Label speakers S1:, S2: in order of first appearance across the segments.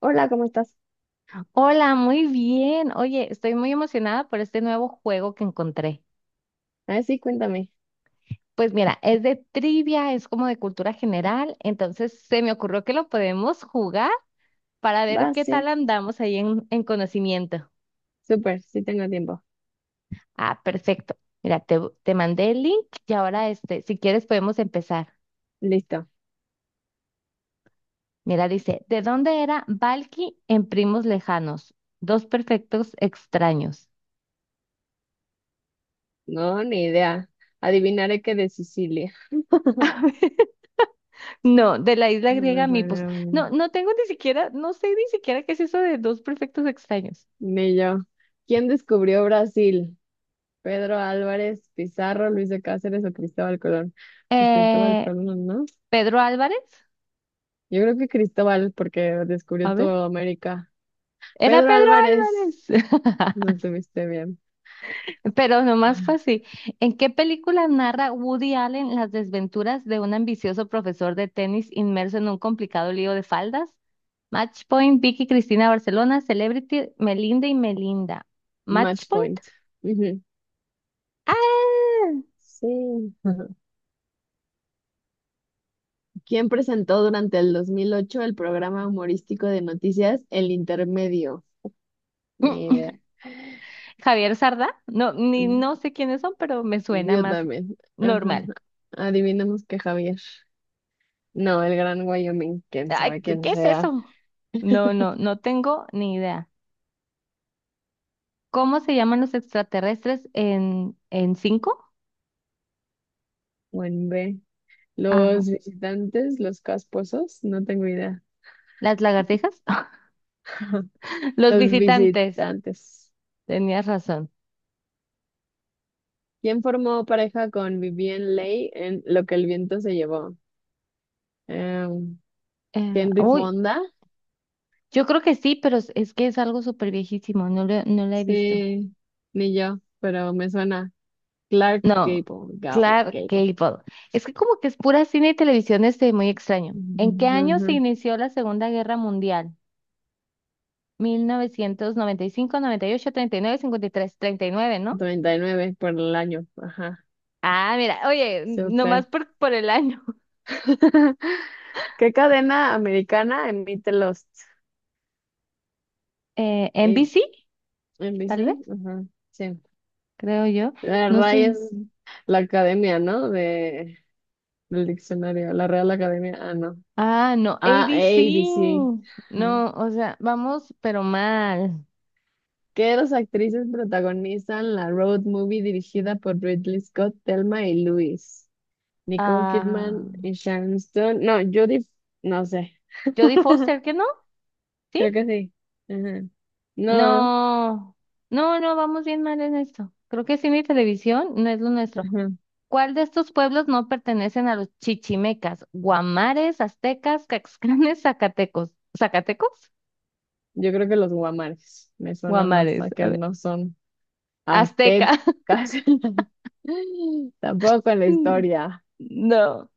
S1: Hola, ¿cómo estás?
S2: Hola, muy bien. Oye, estoy muy emocionada por este nuevo juego que encontré.
S1: A ver, sí, cuéntame.
S2: Pues mira, es de trivia, es como de cultura general, entonces se me ocurrió que lo podemos jugar para
S1: Va,
S2: ver qué tal
S1: sí.
S2: andamos ahí en conocimiento.
S1: Súper, sí tengo tiempo.
S2: Ah, perfecto. Mira, te mandé el link y ahora si quieres podemos empezar.
S1: Listo.
S2: Mira, dice, ¿de dónde era Balki en Primos Lejanos? Dos perfectos extraños.
S1: No, ni idea. Adivinaré que de Sicilia.
S2: No, de la isla
S1: No
S2: griega
S1: es la
S2: Mipos.
S1: creo, Ni
S2: No, no tengo ni siquiera, no sé ni siquiera qué es eso de dos prefectos extraños.
S1: ni yo. ¿Quién descubrió Brasil? ¿Pedro Álvarez, Pizarro, Luis de Cáceres o Cristóbal Colón? Pues Cristóbal
S2: Eh,
S1: Colón, ¿no?
S2: Pedro Álvarez,
S1: Yo creo que Cristóbal, porque descubrió
S2: a ver,
S1: toda América.
S2: era
S1: Pedro
S2: Pedro
S1: Álvarez,
S2: Álvarez,
S1: no estuviste bien.
S2: pero nomás fue así. ¿En qué película narra Woody Allen las desventuras de un ambicioso profesor de tenis inmerso en un complicado lío de faldas? Matchpoint, Vicky Cristina Barcelona, Celebrity, Melinda y Melinda.
S1: Match
S2: ¿Matchpoint?
S1: point. Ujú.
S2: ¡Ah!
S1: Sí. ¿Quién presentó durante el 2008 el programa humorístico de noticias El Intermedio? Ni idea.
S2: Javier Sarda,
S1: Mm,
S2: no sé quiénes son, pero me suena
S1: Yo
S2: más
S1: también. Ajá.
S2: normal.
S1: Adivinemos que Javier. No, el Gran Wyoming, quién
S2: Ay,
S1: sabe quién
S2: ¿qué es
S1: sea.
S2: eso? No, no, no tengo ni idea. ¿Cómo se llaman los extraterrestres en cinco?
S1: Buen B.
S2: Ajá.
S1: Los visitantes, los casposos, no tengo idea.
S2: ¿Las lagartijas? Los
S1: Los
S2: visitantes.
S1: visitantes.
S2: Tenías razón.
S1: ¿Quién formó pareja con Vivien Leigh en Lo que el viento se llevó? Eh,
S2: Eh,
S1: Henry
S2: uy,
S1: Fonda.
S2: yo creo que sí, pero es que es algo súper viejísimo, no la he visto.
S1: Sí, ni yo, pero me suena. Clark
S2: No,
S1: Gable, Gable,
S2: Clark
S1: Gable.
S2: Gable. Es que como que es pura cine y televisión, muy extraño. ¿En qué año
S1: Ujú,
S2: se inició la Segunda Guerra Mundial? Mil novecientos noventa y cinco, 1839, cincuenta y tres, treinta y nueve, ¿no?
S1: 99 por el año. Ajá,
S2: Ah, mira, oye, nomás
S1: súper.
S2: por el año.
S1: ¿Qué cadena americana emite Lost?
S2: N B
S1: Eh,
S2: C tal vez,
S1: NBC, ajá, sí.
S2: creo yo.
S1: La
S2: No sé.
S1: RAI es la academia, ¿no? Del diccionario, la Real Academia, ah, no.
S2: Ah, no, A
S1: Ah,
S2: B C
S1: ABC. Ajá.
S2: No, o sea, vamos, pero mal.
S1: ¿Qué dos actrices protagonizan la road movie dirigida por Ridley Scott, Thelma y Louise? Nicole
S2: Ah,
S1: Kidman y Sharon Stone. No, Judith, no sé.
S2: Jodie Foster, ¿qué no?
S1: Creo
S2: ¿Sí?
S1: que sí. Ajá. No,
S2: No, no, no, vamos bien mal en esto. Creo que cine y televisión no es lo nuestro.
S1: ajá.
S2: ¿Cuál de estos pueblos no pertenecen a los chichimecas? Guamares, aztecas, caxcanes, zacatecos. ¿Zacatecos?
S1: Yo creo que los guamares me suena más
S2: Guamares.
S1: a
S2: A
S1: que
S2: ver.
S1: no son aztecas.
S2: Azteca.
S1: Tampoco en la historia.
S2: No.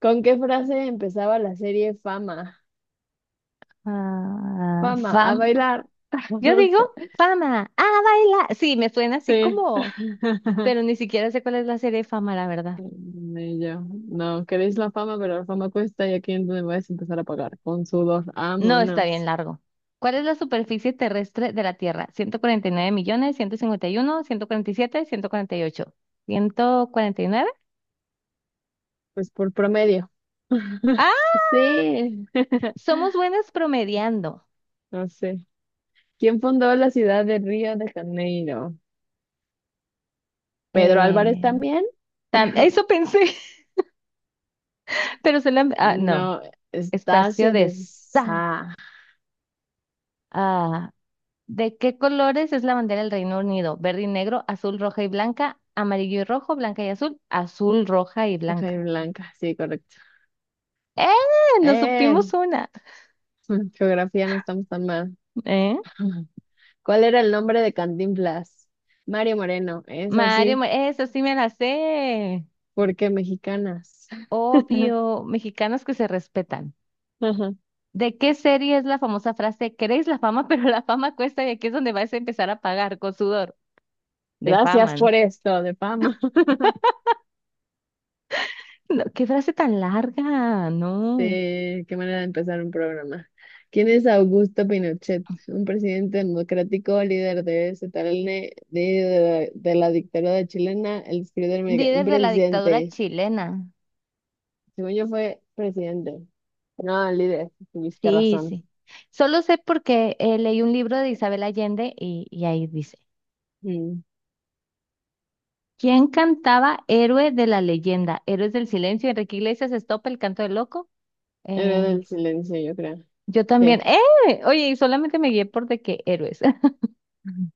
S1: ¿Con qué frase empezaba la serie Fama?
S2: Ah,
S1: Fama, a
S2: fam.
S1: bailar.
S2: Yo
S1: No
S2: digo
S1: sé.
S2: fama. Ah, baila. Sí, me suena así
S1: Sí.
S2: como, pero ni siquiera sé cuál es la serie de fama, la verdad.
S1: Y yo, no, queréis la fama, pero la fama cuesta y aquí es donde vais a empezar a pagar. Con sudor,
S2: No, está bien
S1: vámonos.
S2: largo. ¿Cuál es la superficie terrestre de la Tierra? 149 millones, 151, 147, 148. ¿149?
S1: Pues por promedio. Sí,
S2: Somos buenas promediando.
S1: no sé. ¿Quién fundó la ciudad de Río de Janeiro? ¿Pedro Álvarez
S2: Eh,
S1: también?
S2: eso pensé, pero se la... Ah, no.
S1: No,
S2: Estacio
S1: Estacio
S2: de
S1: de
S2: Sa.
S1: Sá.
S2: Ah, ¿de qué colores es la bandera del Reino Unido? Verde y negro, azul, roja y blanca, amarillo y rojo, blanca y azul, azul, roja y blanca.
S1: Jaime Blanca, sí, correcto.
S2: ¡Eh! Nos
S1: Eh,
S2: supimos una.
S1: geografía no estamos tan mal.
S2: ¿Eh?
S1: ¿Cuál era el nombre de Cantinflas? Mario Moreno, es
S2: Mario,
S1: así,
S2: Ma- eso sí me la sé.
S1: porque mexicanas.
S2: Obvio, mexicanos que se respetan. ¿De qué serie es la famosa frase, queréis la fama, pero la fama cuesta y aquí es donde vais a empezar a pagar con sudor?
S1: Gracias
S2: Defaman,
S1: por esto, de fama.
S2: no, qué frase tan larga, no.
S1: Sí, qué manera de empezar un programa. ¿Quién es Augusto Pinochet? Un presidente democrático, líder de ZLN, líder de la dictadura chilena, el escritor mexicano, un
S2: Líder de la dictadura
S1: presidente.
S2: chilena.
S1: Según yo fue presidente. No, líder, tuviste
S2: Sí,
S1: razón.
S2: sí. Solo sé porque leí un libro de Isabel Allende y ahí dice,
S1: Mm,
S2: ¿quién cantaba Héroe de la leyenda? Héroes del silencio, Enrique Iglesias, Estopa, El canto del loco.
S1: Era
S2: Eh,
S1: del silencio, yo creo.
S2: yo también.
S1: Sí.
S2: ¡Eh! Oye, y solamente me guié por de qué héroes.
S1: Ujú.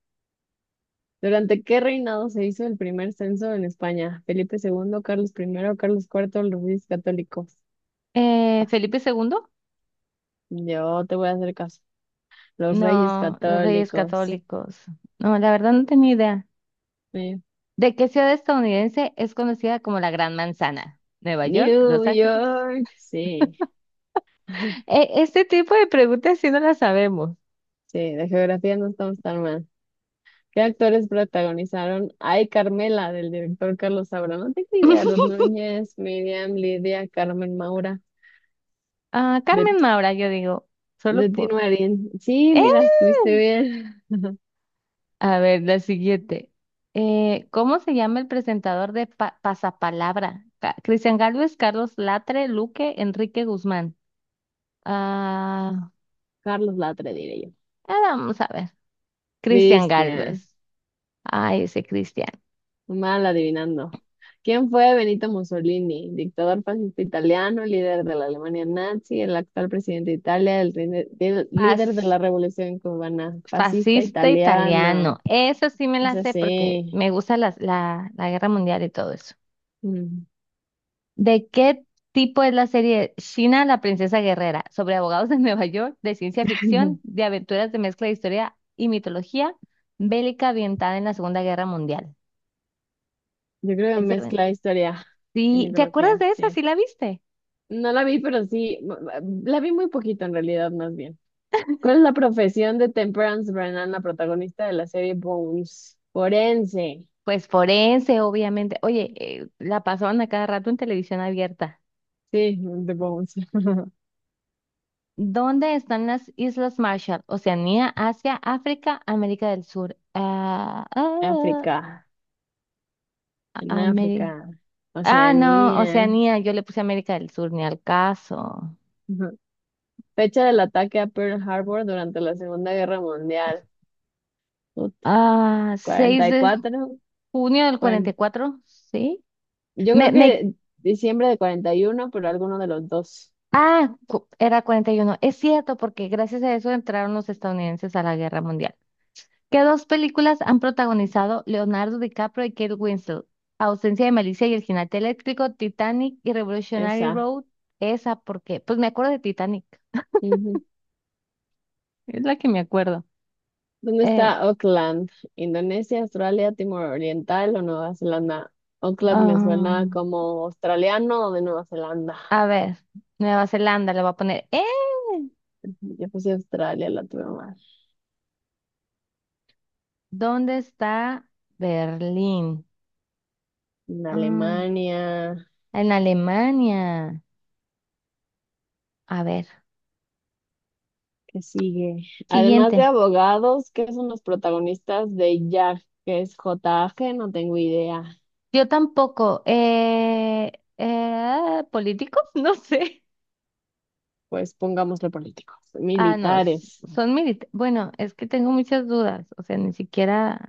S1: ¿Durante qué reinado se hizo el primer censo en España? Felipe II, Carlos I, Carlos IV, los Reyes Católicos.
S2: ¿Felipe II?
S1: Yo te voy a hacer caso. Los Reyes
S2: No, los Reyes
S1: Católicos.
S2: Católicos. No, la verdad no tenía idea.
S1: Eh,
S2: ¿De qué ciudad estadounidense es conocida como la Gran Manzana? ¿Nueva York?
S1: New
S2: ¿Los Ángeles?
S1: York, sí.
S2: Este tipo de preguntas sí no las sabemos.
S1: Sí, de geografía no estamos tan mal. ¿Qué actores protagonizaron Ay, Carmela, del director Carlos Saura? No tengo idea. Ruth Núñez, Miriam, Lidia, Carmen Maura,
S2: Ah,
S1: de,
S2: Carmen Maura, yo digo, solo
S1: de Tino
S2: por...
S1: Marín. Sí,
S2: ¡Eh!
S1: mira, estuviste bien.
S2: A ver, la siguiente. ¿Cómo se llama el presentador de Pasapalabra? Cristian Gálvez, Carlos Latre, Luque, Enrique Guzmán. Ah,
S1: Carlos Latre, diré yo.
S2: vamos a ver. Cristian
S1: Cristian.
S2: Gálvez. Ay, ese Cristian.
S1: Mal adivinando. ¿Quién fue Benito Mussolini? Dictador fascista italiano, líder de la Alemania nazi, el actual presidente de Italia, el líder de la Revolución cubana, fascista
S2: Fascista
S1: italiana.
S2: italiano. Eso sí me la
S1: Es
S2: sé porque
S1: así.
S2: me gusta la guerra mundial y todo eso.
S1: Mm.
S2: ¿De qué tipo es la serie China, la princesa guerrera? ¿Sobre abogados de Nueva York, de ciencia ficción, de aventuras de mezcla de historia y mitología, bélica ambientada en la Segunda Guerra Mundial?
S1: Yo creo que
S2: Es de aven-
S1: mezcla historia y
S2: Sí, ¿te acuerdas
S1: mitología,
S2: de esa?
S1: sí.
S2: ¿Sí la viste?
S1: No la vi, pero sí, la vi muy poquito en realidad, más bien. ¿Cuál es la profesión de Temperance Brennan, la protagonista de la serie Bones? Forense.
S2: Pues forense, obviamente. Oye, la pasaban a cada rato en televisión abierta.
S1: Sí, de Bones.
S2: ¿Dónde están las Islas Marshall? Oceanía, Asia, África, América del Sur.
S1: África. En
S2: Ameri-
S1: África,
S2: ah, no,
S1: Oceanía.
S2: Oceanía, yo le puse América del Sur, ni al caso.
S1: Ujú. Fecha del ataque a Pearl Harbor durante la Segunda Guerra Mundial. Puta,
S2: Ah, seis
S1: cuarenta y
S2: de
S1: cuatro.
S2: junio del cuarenta y
S1: cuaren-
S2: cuatro, ¿sí?
S1: Yo
S2: Me,
S1: creo
S2: me,
S1: que diciembre de 41, pero alguno de los dos.
S2: era 41. Es cierto, porque gracias a eso entraron los estadounidenses a la Guerra Mundial. ¿Qué dos películas han protagonizado Leonardo DiCaprio y Kate Winslet? Ausencia de Malicia y el Jinete Eléctrico, Titanic y Revolutionary
S1: Esa.
S2: Road. ¿Esa por qué? Pues me acuerdo de Titanic.
S1: Ujú.
S2: Es la que me acuerdo.
S1: ¿Dónde
S2: Eh,
S1: está Auckland? ¿Indonesia, Australia, Timor Oriental o Nueva Zelanda? Auckland me
S2: ah,
S1: suena como australiano o de Nueva Zelanda.
S2: a ver, Nueva Zelanda le voy a poner. ¡Eh!
S1: Yo puse Australia, la tuve mal.
S2: ¿Dónde está Berlín?
S1: En
S2: Ah,
S1: Alemania.
S2: en Alemania. A ver,
S1: ¿Qué sigue? Además de
S2: siguiente.
S1: abogados, ¿qué son los protagonistas de Jack? ¿Qué es JAG? No tengo idea.
S2: Yo tampoco. ¿Políticos? No sé.
S1: Pues pongámosle políticos.
S2: Ah, no,
S1: Militares.
S2: son militares. Bueno, es que tengo muchas dudas, o sea, ni siquiera,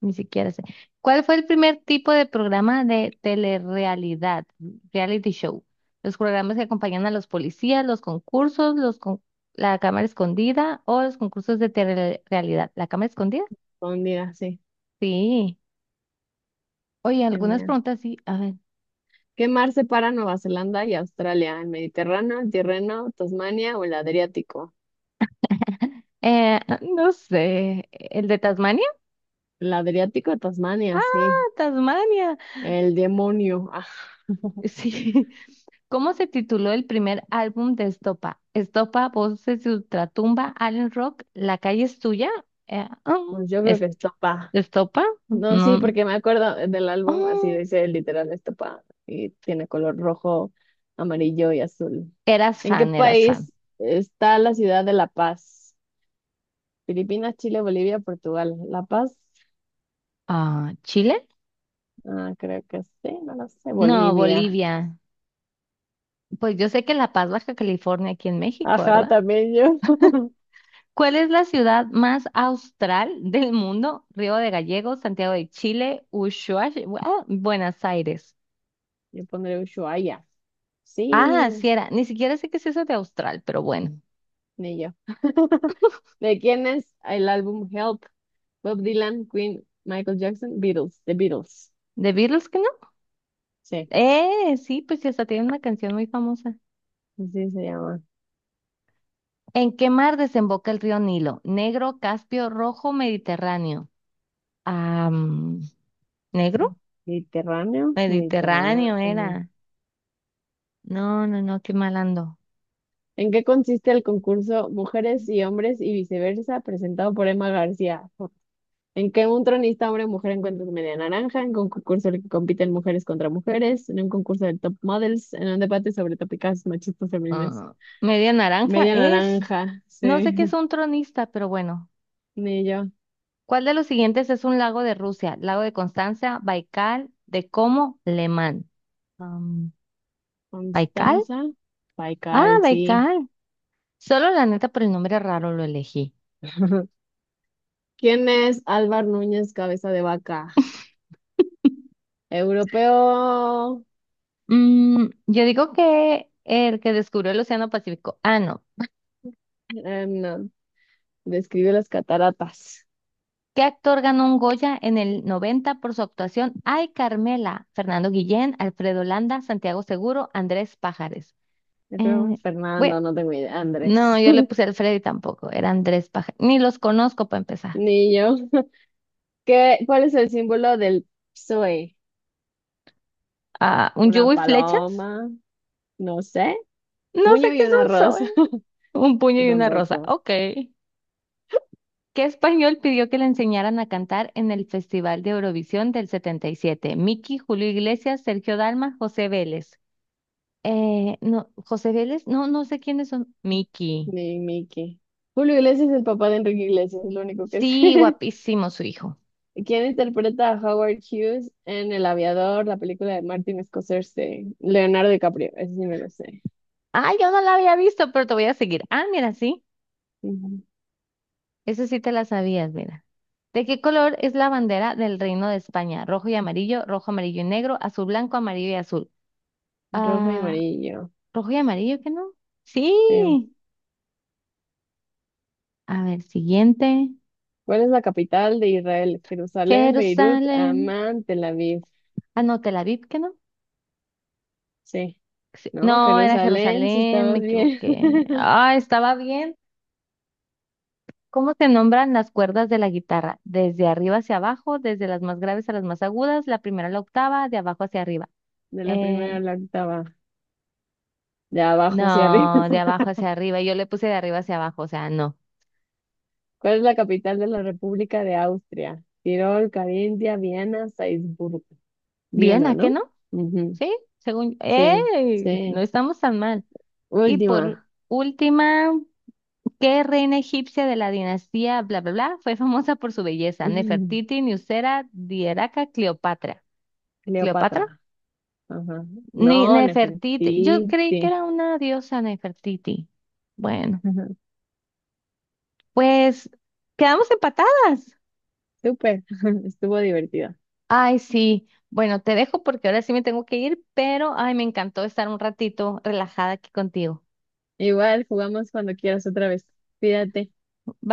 S2: ni siquiera sé. ¿Cuál fue el primer tipo de programa de telerrealidad, reality show? Los programas que acompañan a los policías, los concursos, la cámara escondida o los concursos de telerrealidad. ¿La cámara escondida?
S1: Pondría, sí.
S2: Sí. Oye, algunas
S1: Genial.
S2: preguntas sí. A ver.
S1: ¿Qué mar separa Nueva Zelanda y Australia? ¿El Mediterráneo, el Tirreno, Tasmania o el Adriático?
S2: Eh, no sé. ¿El de Tasmania?
S1: El Adriático, Tasmania,
S2: Ah,
S1: sí.
S2: Tasmania.
S1: El demonio. Ah,
S2: Sí. ¿Cómo se tituló el primer álbum de Estopa? Estopa, Voces de Ultratumba, Alien Rock, La calle es tuya. Eh, mm,
S1: pues yo creo
S2: es-
S1: que es,
S2: Estopa.
S1: no, sí,
S2: No.
S1: porque me acuerdo del álbum, así
S2: Oh,
S1: dice literal esta pa, y tiene color rojo, amarillo y azul.
S2: eras
S1: ¿En qué
S2: fan, eras fan.
S1: país está la ciudad de La Paz? Filipinas, Chile, Bolivia, Portugal. La Paz,
S2: Ah, ¿Chile?
S1: ah, creo que sí, no lo sé,
S2: No,
S1: Bolivia.
S2: Bolivia. Pues yo sé que La Paz, Baja California, aquí en México,
S1: Ajá,
S2: ¿verdad?
S1: también yo.
S2: ¿Cuál es la ciudad más austral del mundo? Río de Gallegos, Santiago de Chile, Ushuaia, ah, Buenos Aires.
S1: Yo pondré Ushuaia.
S2: Ah, sí
S1: Sí,
S2: era. Ni siquiera sé qué es eso de austral, pero bueno.
S1: ni yo. ¿De quién es el álbum Help? Bob Dylan, Queen, Michael Jackson, Beatles, The Beatles.
S2: ¿De Beatles que no?
S1: Sí,
S2: Sí, pues sí, hasta tiene una canción muy famosa.
S1: así se llama.
S2: ¿En qué mar desemboca el río Nilo? Negro, Caspio, Rojo, Mediterráneo. Ah, mm, ¿Negro?
S1: Mediterráneo,
S2: Mediterráneo
S1: Mediterráneo.
S2: era. No, no, no, qué mal ando.
S1: ¿En qué consiste el concurso Mujeres y Hombres y Viceversa presentado por Emma García? ¿En que un tronista hombre o mujer encuentra su media naranja? ¿En un concurso en el que compiten mujeres contra mujeres? ¿En un concurso de top models? ¿En un debate sobre tópicas machistas femeninas?
S2: Ah, media naranja
S1: Media
S2: es.
S1: naranja,
S2: No sé
S1: sí.
S2: qué es un tronista, pero bueno.
S1: Ni yo.
S2: ¿Cuál de los siguientes es un lago de Rusia? Lago de Constanza, Baikal, de Como, Lemán. Am, ¿Baikal?
S1: Constanza
S2: Ah,
S1: Paikal, sí.
S2: Baikal. Solo la neta por el nombre raro lo elegí.
S1: ¿Quién es Álvar Núñez Cabeza de Vaca? Europeo.
S2: Yo digo que el que descubrió el Océano Pacífico. Ah, no.
S1: No. Describe las cataratas.
S2: ¿Qué actor ganó un Goya en el 90 por su actuación? Ay, Carmela. Fernando Guillén, Alfredo Landa, Santiago Seguro, Andrés Pájares.
S1: Yo creo
S2: Eh, bueno,
S1: Fernando, no tengo idea. Andrés.
S2: no, yo le puse Alfredo y tampoco. Era Andrés Pájares. Ni los conozco para empezar.
S1: Ni yo. ¿Cuál es el símbolo del PSOE?
S2: Ah, ¿un
S1: ¿Una
S2: yugo y flechas?
S1: paloma? No sé.
S2: No
S1: Puño
S2: sé qué
S1: y
S2: es
S1: una
S2: un sol.
S1: rosa.
S2: Un puño
S1: Yo
S2: y una rosa.
S1: tampoco.
S2: Ok. ¿Qué español pidió que le enseñaran a cantar en el Festival de Eurovisión del 77? Miki, Julio Iglesias, Sergio Dalma, José Vélez. No, José Vélez, no, no sé quiénes son. Miki.
S1: Ni Mickey. Julio Iglesias es el papá de Enrique Iglesias, es lo único que sé.
S2: Sí, guapísimo su hijo.
S1: ¿Quién interpreta a Howard Hughes en El Aviador, la película de Martin Scorsese? Leonardo DiCaprio, ese sí me lo sé.
S2: Ah, yo no la había visto, pero te voy a seguir. Ah, mira, sí.
S1: Ujú.
S2: Eso sí te la sabías, mira. ¿De qué color es la bandera del Reino de España? Rojo y amarillo, rojo, amarillo y negro, azul, blanco, amarillo y azul.
S1: Rojo y
S2: Ah,
S1: amarillo.
S2: rojo y amarillo, ¿qué no?
S1: Sí.
S2: Sí. A ver, siguiente.
S1: ¿Cuál es la capital de Israel? Jerusalén, Beirut,
S2: Jerusalén.
S1: Amán, Tel Aviv.
S2: Ah, no, Tel Aviv, ¿qué no?
S1: Sí,
S2: Sí,
S1: ¿no?
S2: no, era
S1: Jerusalén, si
S2: Jerusalén, me
S1: estabas bien.
S2: equivoqué. Ah, estaba bien. ¿Cómo se nombran las cuerdas de la guitarra? Desde arriba hacia abajo, desde las más graves a las más agudas, la primera a la octava, de abajo hacia arriba.
S1: De la primera a
S2: Eh,
S1: la octava, de abajo hacia arriba.
S2: no, de abajo hacia arriba. Yo le puse de arriba hacia abajo, o sea, no.
S1: ¿Cuál es la capital de la República de Austria? Tirol, Carintia, Viena, Salzburgo.
S2: Bien,
S1: Viena,
S2: ¿a qué
S1: ¿no?
S2: no?
S1: Ujú.
S2: Sí, según...
S1: Sí,
S2: ¡Ey! No
S1: sí.
S2: estamos tan mal. Y por
S1: Última.
S2: última... ¿Qué reina egipcia de la dinastía bla bla bla fue famosa por su belleza? Nefertiti, Nusera, Dieraca, Cleopatra. ¿Cleopatra?
S1: Cleopatra. Ajá.
S2: Ni
S1: No,
S2: Nefertiti. Yo
S1: Nefertiti.
S2: creí que era una diosa Nefertiti. Bueno,
S1: Ajá.
S2: pues quedamos empatadas.
S1: Súper, estuvo divertido.
S2: Ay, sí. Bueno, te dejo porque ahora sí me tengo que ir, pero ay, me encantó estar un ratito relajada aquí contigo.
S1: Igual jugamos cuando quieras otra vez. Cuídate.
S2: Bye.